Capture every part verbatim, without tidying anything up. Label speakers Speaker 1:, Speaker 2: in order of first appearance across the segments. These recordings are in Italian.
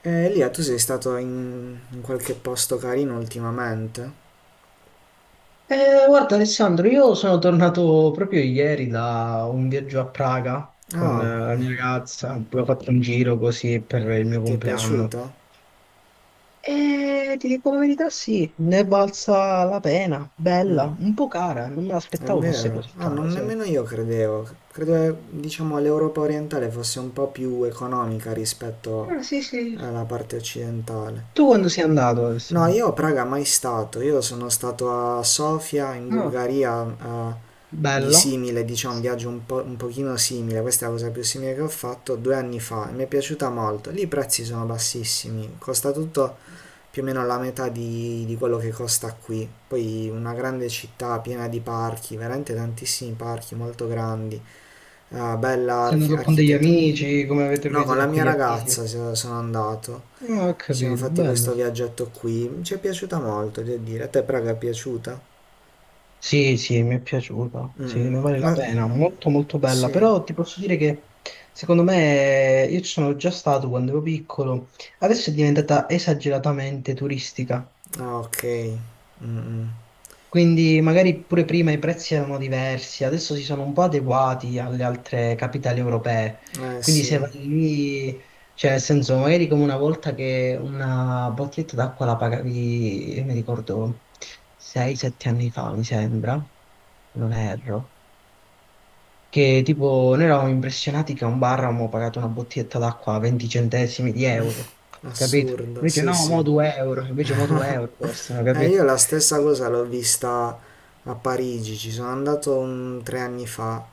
Speaker 1: E Elia, tu sei stato in, in qualche posto carino ultimamente?
Speaker 2: Eh, guarda, Alessandro, io sono tornato proprio ieri da un viaggio a Praga con
Speaker 1: Ah,
Speaker 2: eh, la mia ragazza, poi ho fatto un giro così per il mio
Speaker 1: ti è
Speaker 2: compleanno.
Speaker 1: piaciuto?
Speaker 2: E ti dico la verità, sì, ne è valsa la pena, bella, un po' cara, non me
Speaker 1: È
Speaker 2: l'aspettavo fosse
Speaker 1: vero.
Speaker 2: così
Speaker 1: Ah,
Speaker 2: cara,
Speaker 1: non
Speaker 2: sai.
Speaker 1: nemmeno io credevo. Credevo, diciamo, l'Europa orientale fosse un po' più economica rispetto
Speaker 2: Ah, sì, sì.
Speaker 1: alla parte occidentale.
Speaker 2: Tu quando sei andato,
Speaker 1: No,
Speaker 2: Alessandro?
Speaker 1: io a Praga mai stato. Io sono stato a Sofia, in
Speaker 2: Ah,
Speaker 1: Bulgaria, a- di
Speaker 2: bella.
Speaker 1: simile, diciamo, un viaggio un po', un pochino simile. Questa è la cosa più simile che ho fatto due anni fa e mi è piaciuta molto. Lì i prezzi sono bassissimi, costa tutto più o meno la metà di, di quello che costa qui. Poi una grande città piena di parchi, veramente tantissimi parchi molto grandi, eh, bella
Speaker 2: Sei
Speaker 1: arch-
Speaker 2: andato con degli
Speaker 1: architettura.
Speaker 2: amici? Come avete
Speaker 1: No, con la
Speaker 2: organizzato con
Speaker 1: mia
Speaker 2: gli amici?
Speaker 1: ragazza so- sono andato,
Speaker 2: Ah, ho
Speaker 1: ci siamo
Speaker 2: capito,
Speaker 1: fatti
Speaker 2: bello.
Speaker 1: questo viaggetto qui, ci è piaciuta molto, devo dire. A te Praga è piaciuta?
Speaker 2: Sì, sì, mi è piaciuta, sì,
Speaker 1: Mm,
Speaker 2: ne vale la
Speaker 1: ma
Speaker 2: pena, molto molto bella,
Speaker 1: sì,
Speaker 2: però ti posso dire che secondo me, io ci sono già stato quando ero piccolo, adesso è diventata esageratamente turistica,
Speaker 1: ah, ok. Mm, mm.
Speaker 2: quindi magari pure prima i prezzi erano diversi, adesso si sono un po' adeguati alle altre capitali europee.
Speaker 1: Eh
Speaker 2: Quindi, se
Speaker 1: sì,
Speaker 2: vai lì, cioè nel senso, magari come una volta, che una bottiglietta d'acqua la pagavi, io mi ricordo sei sette anni fa, mi sembra, se non erro. che tipo, noi eravamo impressionati che a un bar avevamo pagato una bottiglietta d'acqua a venti centesimi di euro, capito?
Speaker 1: assurdo,
Speaker 2: Invece
Speaker 1: sì
Speaker 2: no,
Speaker 1: sì.
Speaker 2: mo due euro, invece mo 2 euro costano,
Speaker 1: Eh,
Speaker 2: capito?
Speaker 1: io la stessa
Speaker 2: Quindi-
Speaker 1: cosa l'ho vista a Parigi, ci sono andato mm, tre anni fa,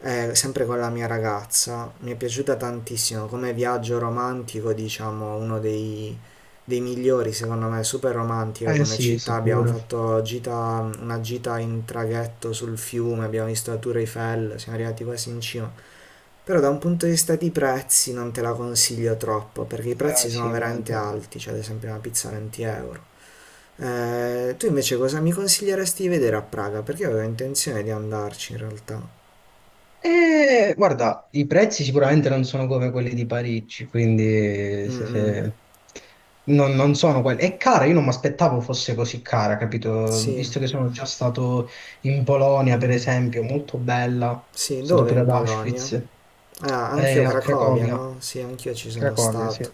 Speaker 1: eh, sempre con la mia ragazza. Mi è piaciuta tantissimo, come viaggio romantico, diciamo, uno dei, dei migliori, secondo me, super romantica
Speaker 2: Eh
Speaker 1: come
Speaker 2: sì,
Speaker 1: città. Abbiamo
Speaker 2: sicuro.
Speaker 1: fatto gita- una gita in traghetto sul fiume, abbiamo visto la Tour Eiffel, siamo arrivati quasi in cima. Però da un punto di vista di prezzi non te la consiglio troppo, perché i
Speaker 2: Ah
Speaker 1: prezzi
Speaker 2: sì,
Speaker 1: sono veramente
Speaker 2: immagino.
Speaker 1: alti, cioè ad esempio una pizza venti euro. Eh, tu invece cosa mi consiglieresti di vedere a Praga? Perché io avevo intenzione di andarci in realtà.
Speaker 2: Eh, guarda, i prezzi sicuramente non sono come quelli di Parigi, quindi
Speaker 1: Mm,
Speaker 2: se-
Speaker 1: mm.
Speaker 2: se- non, non sono quelli. È cara, io non mi aspettavo fosse così cara, capito?
Speaker 1: Sì,
Speaker 2: Visto che sono già stato in Polonia, per
Speaker 1: mm.
Speaker 2: esempio, molto bella, sono
Speaker 1: Sì,
Speaker 2: stato
Speaker 1: dove
Speaker 2: pure
Speaker 1: in
Speaker 2: ad
Speaker 1: Polonia?
Speaker 2: Auschwitz,
Speaker 1: Ah, anch'io
Speaker 2: eh, a
Speaker 1: Cracovia,
Speaker 2: Cracovia.
Speaker 1: no? Sì, anch'io ci sono
Speaker 2: Cracovia, sì.
Speaker 1: stato.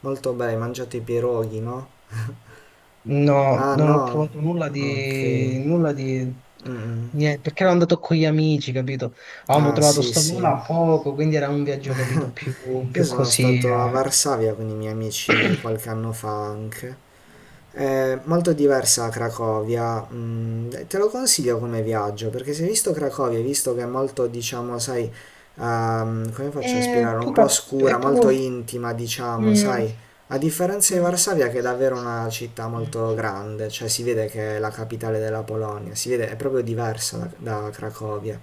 Speaker 1: Molto bene, hai mangiato i pierogi, no?
Speaker 2: No,
Speaker 1: Ah,
Speaker 2: non ho
Speaker 1: no?
Speaker 2: provato nulla
Speaker 1: Ok.
Speaker 2: di... nulla di...
Speaker 1: Mm, mm.
Speaker 2: niente, perché ero andato con gli amici, capito? Avevamo
Speaker 1: Ah,
Speaker 2: trovato
Speaker 1: sì,
Speaker 2: sto volo
Speaker 1: sì.
Speaker 2: a poco, quindi era un viaggio, capito, più,
Speaker 1: Io
Speaker 2: più
Speaker 1: sono
Speaker 2: così.
Speaker 1: stato a
Speaker 2: eh.
Speaker 1: Varsavia con i miei amici qualche anno fa anche. È molto diversa da Cracovia, mm, te lo consiglio come viaggio perché se hai visto Cracovia, hai visto che è molto, diciamo, sai, ehm, come faccio a
Speaker 2: E
Speaker 1: spiegare, un po'
Speaker 2: poca...
Speaker 1: oscura,
Speaker 2: è
Speaker 1: molto
Speaker 2: poco...
Speaker 1: intima, diciamo,
Speaker 2: Mm,
Speaker 1: sai, a differenza di
Speaker 2: mm,
Speaker 1: Varsavia che è davvero una città
Speaker 2: mm.
Speaker 1: molto grande, cioè si vede che è la capitale della Polonia, si vede, è proprio diversa da, da Cracovia,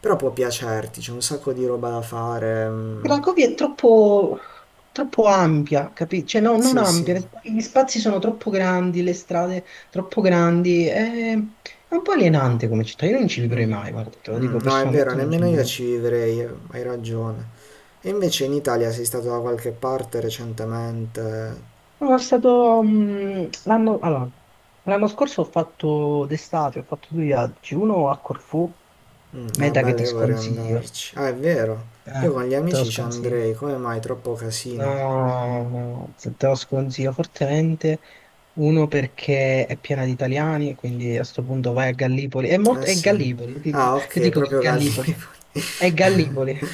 Speaker 1: però può piacerti, c'è un sacco di roba da fare, mm,
Speaker 2: Cracovia è troppo, troppo ampia, capito? Cioè, no, non
Speaker 1: sì,
Speaker 2: ampia,
Speaker 1: sì,
Speaker 2: nel senso che gli spazi sono troppo grandi, le strade troppo grandi, è, è un po' alienante come città, io non ci vivrei
Speaker 1: mm,
Speaker 2: mai, guarda, te lo
Speaker 1: mm,
Speaker 2: dico
Speaker 1: no, è vero,
Speaker 2: personalmente, non ci
Speaker 1: nemmeno io
Speaker 2: vivrei mai.
Speaker 1: ci vivrei, hai ragione. E invece in Italia sei stato da qualche parte recentemente?
Speaker 2: Sono stato, mh, l'anno allora, l'anno scorso, ho fatto d'estate, ho fatto due viaggi, uno a Corfù,
Speaker 1: Mm, ah,
Speaker 2: meta che
Speaker 1: bella,
Speaker 2: ti
Speaker 1: io vorrei
Speaker 2: sconsiglio,
Speaker 1: andarci. Ah, è vero. Io
Speaker 2: eh,
Speaker 1: con gli
Speaker 2: te lo
Speaker 1: amici ci
Speaker 2: sconsiglio.
Speaker 1: andrei. Come mai? Troppo casino.
Speaker 2: No, no, te lo sconsiglio fortemente. Uno, perché è piena di italiani, quindi a sto punto vai a Gallipoli. È
Speaker 1: Eh
Speaker 2: molto, è
Speaker 1: sì.
Speaker 2: Gallipoli, ti-
Speaker 1: Ah,
Speaker 2: ti
Speaker 1: ok,
Speaker 2: dico che è
Speaker 1: proprio
Speaker 2: Gallipoli.
Speaker 1: Gallipoli.
Speaker 2: È Gallipoli.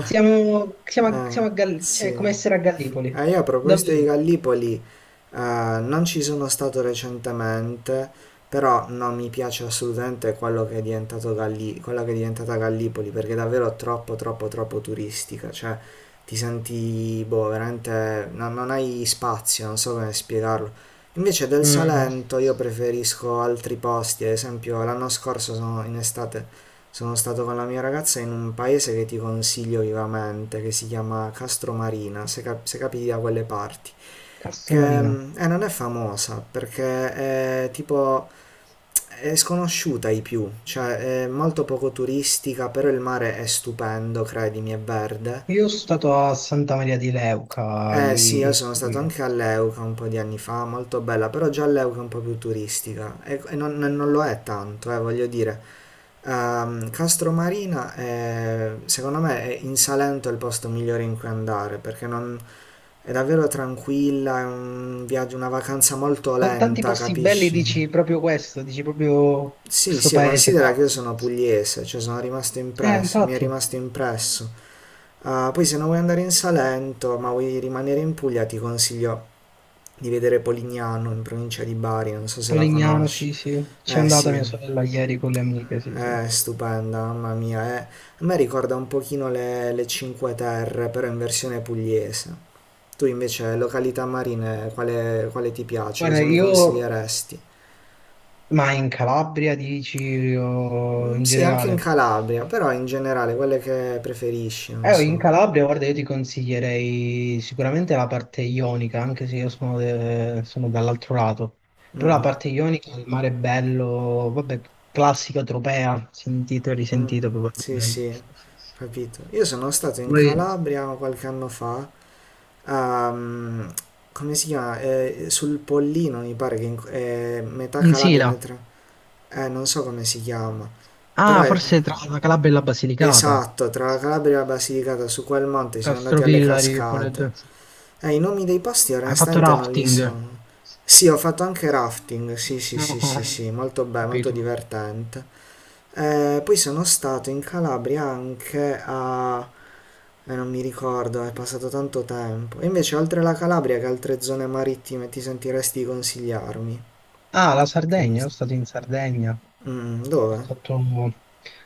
Speaker 2: Siamo, siamo, a-
Speaker 1: Ah,
Speaker 2: siamo a Gallipoli, cioè
Speaker 1: sì.
Speaker 2: è come essere a Gallipoli.
Speaker 1: Eh, io a proposito di
Speaker 2: Davvero.
Speaker 1: Gallipoli, eh, non ci sono stato recentemente, però non mi piace assolutamente quello che è diventato Galli- quella che è diventata Gallipoli, perché è davvero troppo, troppo, troppo turistica, cioè ti senti, boh, veramente, non, non hai spazio, non so come spiegarlo. Invece del
Speaker 2: Mm.
Speaker 1: Salento io preferisco altri posti, ad esempio l'anno scorso sono in estate sono stato con la mia ragazza in un paese che ti consiglio vivamente, che si chiama Castromarina, se, cap- se capiti da quelle parti,
Speaker 2: Cazzo
Speaker 1: che
Speaker 2: Marino.
Speaker 1: mm, eh, non è famosa perché è tipo è sconosciuta ai più, cioè è molto poco turistica, però il mare è stupendo, credimi, è verde.
Speaker 2: Io sono stato a Santa Maria di Leuca,
Speaker 1: Eh sì,
Speaker 2: lì,
Speaker 1: io
Speaker 2: in
Speaker 1: sono stato
Speaker 2: Puglia.
Speaker 1: anche a Leuca un po' di anni fa, molto bella, però già Leuca è un po' più turistica e, e non, non lo è tanto, eh, voglio dire. Ehm, Castromarina è, secondo me è in Salento è il posto migliore in cui andare perché non- è davvero tranquilla, è un viaggio, una vacanza molto
Speaker 2: Con tanti
Speaker 1: lenta,
Speaker 2: posti belli
Speaker 1: capisci?
Speaker 2: dici proprio questo, dici proprio
Speaker 1: Sì,
Speaker 2: questo
Speaker 1: sì,
Speaker 2: paese
Speaker 1: considera
Speaker 2: qua.
Speaker 1: che io sono pugliese, cioè sono rimasto
Speaker 2: Eh,
Speaker 1: impresso, mi è
Speaker 2: infatti.
Speaker 1: rimasto impresso. Ah, poi se non vuoi andare in Salento, ma vuoi rimanere in Puglia, ti consiglio di vedere Polignano in provincia di Bari, non so se la
Speaker 2: Polignano,
Speaker 1: conosci.
Speaker 2: sì, sì. C'è
Speaker 1: Eh
Speaker 2: andata
Speaker 1: sì.
Speaker 2: mia sorella ieri con le amiche, sì, sì.
Speaker 1: È stupenda, mamma mia. È... A me ricorda un pochino le, le Cinque Terre, però in versione pugliese. Tu invece, località marine, quale, quale ti piace?
Speaker 2: Guarda,
Speaker 1: Cosa mi
Speaker 2: io...
Speaker 1: consiglieresti?
Speaker 2: Ma in Calabria, dici, o
Speaker 1: Mm,
Speaker 2: in
Speaker 1: sì, anche in
Speaker 2: generale?
Speaker 1: Calabria, però in generale, quelle che preferisci, non
Speaker 2: Eh, in
Speaker 1: so.
Speaker 2: Calabria, guarda, io ti consiglierei sicuramente la parte ionica, anche se io sono, de- sono dall'altro lato.
Speaker 1: Mm,
Speaker 2: Però la
Speaker 1: mm,
Speaker 2: parte ionica, il mare è bello. Vabbè, classica Tropea, sentito e
Speaker 1: mm.
Speaker 2: risentito
Speaker 1: Sì,
Speaker 2: probabilmente.
Speaker 1: sì, capito. Io sono stato in
Speaker 2: Poi
Speaker 1: Calabria qualche anno fa. ehm, come si chiama? Eh, sul Pollino, mi pare che in- è metà
Speaker 2: in
Speaker 1: Calabria,
Speaker 2: Sila.
Speaker 1: eh, non so come si chiama, però
Speaker 2: Ah,
Speaker 1: è
Speaker 2: forse tra la Calabria e la Basilicata.
Speaker 1: esatto, tra la Calabria e la Basilicata su quel monte siamo andati alle
Speaker 2: Castrovillari, che collegio?
Speaker 1: cascate. Eh, i nomi dei posti
Speaker 2: Hai fatto
Speaker 1: onestamente non li
Speaker 2: rafting?
Speaker 1: sono. Sì, ho fatto anche rafting, sì, sì,
Speaker 2: No,
Speaker 1: sì,
Speaker 2: ho
Speaker 1: sì, sì, molto bello, molto
Speaker 2: capito.
Speaker 1: divertente. Eh, poi sono stato in Calabria anche a... eh, non mi ricordo, è passato tanto tempo. E invece oltre la Calabria che altre zone marittime ti sentiresti di consigliarmi?
Speaker 2: Ah, la
Speaker 1: Che hai
Speaker 2: Sardegna, io sono
Speaker 1: visto?
Speaker 2: stato in Sardegna. Ho
Speaker 1: Mm, dove?
Speaker 2: fatto...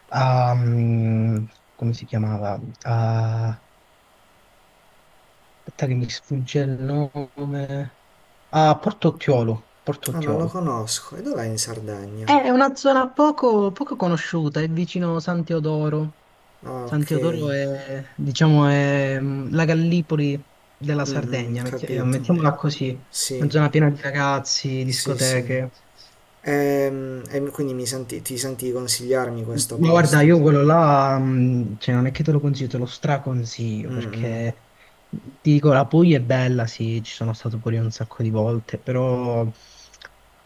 Speaker 2: ah, mm, Come si chiamava? Ah, aspetta, che mi sfugge il nome. Ah, Porto Ottiolo, Porto
Speaker 1: Ah, non lo
Speaker 2: Ottiolo.
Speaker 1: conosco. E dov'è in Sardegna?
Speaker 2: È una zona poco, poco conosciuta, è vicino San Teodoro.
Speaker 1: Ah,
Speaker 2: San
Speaker 1: ok.
Speaker 2: Teodoro è, diciamo, è mm, la Gallipoli della
Speaker 1: Mm, mm,
Speaker 2: Sardegna, metti- eh,
Speaker 1: capito. Eh,
Speaker 2: mettiamola così, una
Speaker 1: sì,
Speaker 2: zona piena di ragazzi,
Speaker 1: sì, sì.
Speaker 2: discoteche.
Speaker 1: Ehm, E, quindi mi senti, ti senti di consigliarmi questo
Speaker 2: Ma guarda, io
Speaker 1: posto?
Speaker 2: quello là, mm, cioè, non è che te lo consiglio, te lo straconsiglio,
Speaker 1: Mm, mm,
Speaker 2: perché ti dico, la Puglia è bella, sì, ci sono stato pure io un sacco di volte, però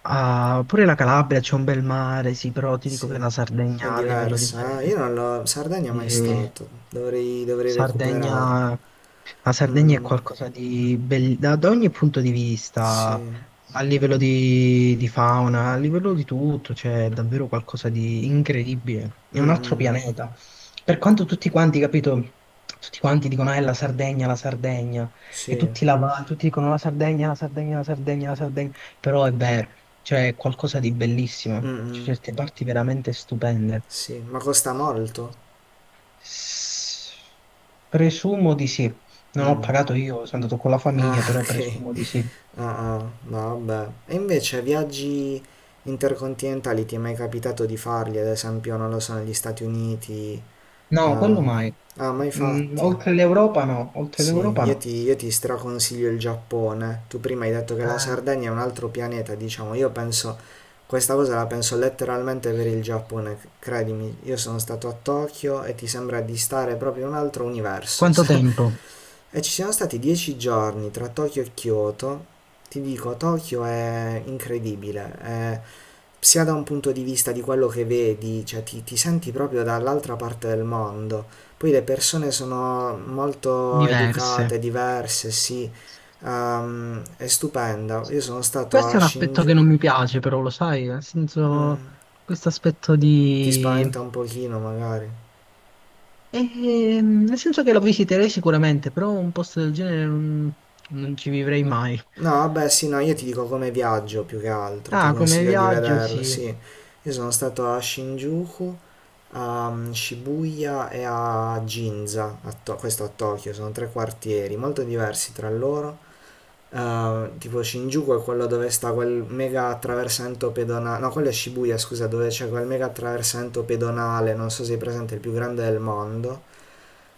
Speaker 2: ah, pure la Calabria, c'è un bel mare, sì, però ti dico che
Speaker 1: sì.
Speaker 2: la
Speaker 1: È
Speaker 2: Sardegna, a livello di
Speaker 1: diversa, eh?
Speaker 2: mare...
Speaker 1: Io non l'ho... Sardegna mai
Speaker 2: E
Speaker 1: stato. Dovrei, dovrei recuperare.
Speaker 2: Sardegna, la
Speaker 1: Mm,
Speaker 2: Sardegna è
Speaker 1: mm,
Speaker 2: qualcosa di bello da, da, ogni punto di vista,
Speaker 1: sì.
Speaker 2: a livello di, di fauna, a livello di tutto, c'è davvero qualcosa di incredibile.
Speaker 1: Mm,
Speaker 2: È un altro
Speaker 1: mm,
Speaker 2: pianeta. Per quanto tutti quanti, capito, tutti quanti dicono, è la Sardegna, la Sardegna, e
Speaker 1: sì.
Speaker 2: tutti, la, va- tutti dicono la Sardegna, la Sardegna, la Sardegna, la Sardegna, però è vero, c'è qualcosa di
Speaker 1: Mm,
Speaker 2: bellissimo, c'è
Speaker 1: mm,
Speaker 2: certe parti veramente stupende.
Speaker 1: sì. Ma costa molto?
Speaker 2: Presumo di sì. Non ho
Speaker 1: Mm.
Speaker 2: pagato io, sono andato con la
Speaker 1: Ah,
Speaker 2: famiglia, però
Speaker 1: ok.
Speaker 2: presumo di sì.
Speaker 1: Ah, ah, no, vabbè. E invece viaggi intercontinentali ti è mai capitato di farli, ad esempio, non lo so, negli Stati Uniti? Eh,
Speaker 2: No, quello mai.
Speaker 1: ah, mai
Speaker 2: Mm,
Speaker 1: fatti?
Speaker 2: oltre l'Europa no, oltre
Speaker 1: Sì,
Speaker 2: l'Europa
Speaker 1: io
Speaker 2: no.
Speaker 1: ti, io ti straconsiglio il Giappone. Tu prima hai detto che la
Speaker 2: Eh,
Speaker 1: Sardegna è un altro pianeta, diciamo. Io penso, questa cosa la penso letteralmente per il Giappone, c- credimi. Io sono stato a Tokyo e ti sembra di stare proprio in un altro universo.
Speaker 2: quanto tempo?
Speaker 1: E ci siamo stati dieci giorni tra Tokyo e Kyoto. Ti dico, Tokyo è incredibile. È- sia da un punto di vista di quello che vedi, cioè ti, ti senti proprio dall'altra parte del mondo. Poi le persone sono molto
Speaker 2: Diverse.
Speaker 1: educate, diverse, sì. Ehm, è stupenda. Io sono stato
Speaker 2: Questo è
Speaker 1: a
Speaker 2: un aspetto che
Speaker 1: Shinjuku.
Speaker 2: non mi piace, però lo sai, nel senso,
Speaker 1: Mm,
Speaker 2: questo aspetto
Speaker 1: ti
Speaker 2: di...
Speaker 1: spaventa un pochino, magari.
Speaker 2: Ehm, nel senso che lo visiterei sicuramente, però un posto del genere non, non ci vivrei mai.
Speaker 1: No, vabbè, sì, no, io ti dico come viaggio più che altro, ti
Speaker 2: Ah, come
Speaker 1: consiglio di
Speaker 2: viaggio
Speaker 1: vederlo,
Speaker 2: sì.
Speaker 1: sì. Io sono stato a Shinjuku, a mm, Shibuya e a Ginza, a To- questo a Tokyo, sono tre quartieri molto diversi tra loro. Eh, tipo Shinjuku è quello dove sta quel mega attraversamento pedonale, no, quello è Shibuya, scusa, dove c'è quel mega attraversamento pedonale, non so se è presente, il più grande del mondo.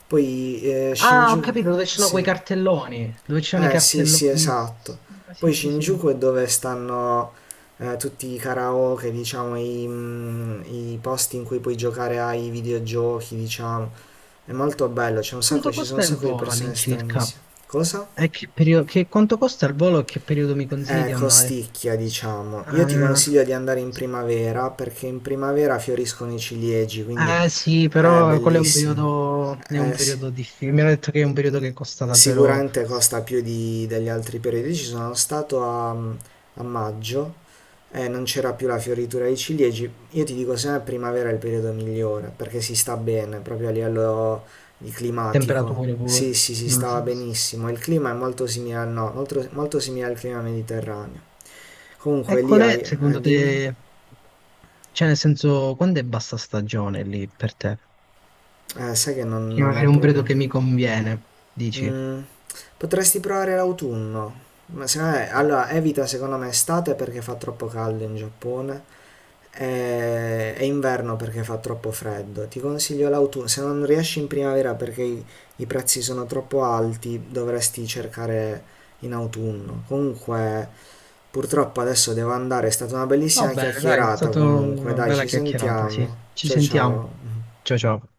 Speaker 1: Poi eh,
Speaker 2: Ah, ho
Speaker 1: Shinjuku,
Speaker 2: capito, dove ci sono quei
Speaker 1: sì.
Speaker 2: cartelloni, dove ci sono i
Speaker 1: Eh sì, sì,
Speaker 2: cartelloni.
Speaker 1: esatto.
Speaker 2: Ah,
Speaker 1: Poi
Speaker 2: sì, sì, sì. E
Speaker 1: Shinjuku è dove stanno eh, tutti i karaoke, diciamo, i, mm, i posti in cui puoi giocare ai videogiochi, diciamo. È molto bello, c'è un sacco,
Speaker 2: Quanto
Speaker 1: ci sono un
Speaker 2: costa il
Speaker 1: sacco di
Speaker 2: volo
Speaker 1: persone
Speaker 2: all'incirca?
Speaker 1: stranissime. Cosa?
Speaker 2: E che periodo, che, quanto costa il volo e che periodo mi consigli
Speaker 1: Eh,
Speaker 2: di andare?
Speaker 1: costicchia, diciamo. Io ti
Speaker 2: Ah,
Speaker 1: consiglio di andare in primavera perché in primavera fioriscono i ciliegi, quindi
Speaker 2: eh sì,
Speaker 1: è
Speaker 2: però quello è un
Speaker 1: bellissimo.
Speaker 2: periodo, è un
Speaker 1: Eh sì.
Speaker 2: periodo, difficile. Mi hanno detto che è un periodo che costa davvero.
Speaker 1: Sicuramente costa più di- degli altri periodici. Sono stato a, a maggio e non c'era più la fioritura dei ciliegi. Io ti dico sempre primavera è il periodo migliore perché si sta bene proprio a livello di climatico.
Speaker 2: Temperature
Speaker 1: Sì,
Speaker 2: pure.
Speaker 1: sì, si
Speaker 2: Mm.
Speaker 1: stava benissimo. Il clima è molto simile, al no, molto, molto simile al clima mediterraneo.
Speaker 2: E
Speaker 1: Comunque lì
Speaker 2: qual
Speaker 1: hai,
Speaker 2: è, secondo
Speaker 1: eh, dimmi,
Speaker 2: te, cioè nel senso, quando è bassa stagione lì per te?
Speaker 1: eh, sai che non,
Speaker 2: Quindi
Speaker 1: non ne ho
Speaker 2: magari un periodo che
Speaker 1: proprio.
Speaker 2: mi conviene, dici.
Speaker 1: Mm, potresti provare l'autunno. Ma secondo me,
Speaker 2: Oh.
Speaker 1: allora, evita secondo me estate perché fa troppo caldo in Giappone e, e inverno perché fa troppo freddo. Ti consiglio l'autunno. Se non riesci in primavera perché i, i prezzi sono troppo alti, dovresti cercare in autunno. Comunque, purtroppo adesso devo andare. È stata una
Speaker 2: Va
Speaker 1: bellissima
Speaker 2: bene, dai, è
Speaker 1: chiacchierata.
Speaker 2: stata
Speaker 1: Comunque,
Speaker 2: una
Speaker 1: dai,
Speaker 2: bella
Speaker 1: ci
Speaker 2: chiacchierata, sì.
Speaker 1: sentiamo.
Speaker 2: Ci
Speaker 1: Ciao
Speaker 2: sentiamo.
Speaker 1: ciao.
Speaker 2: Ciao ciao.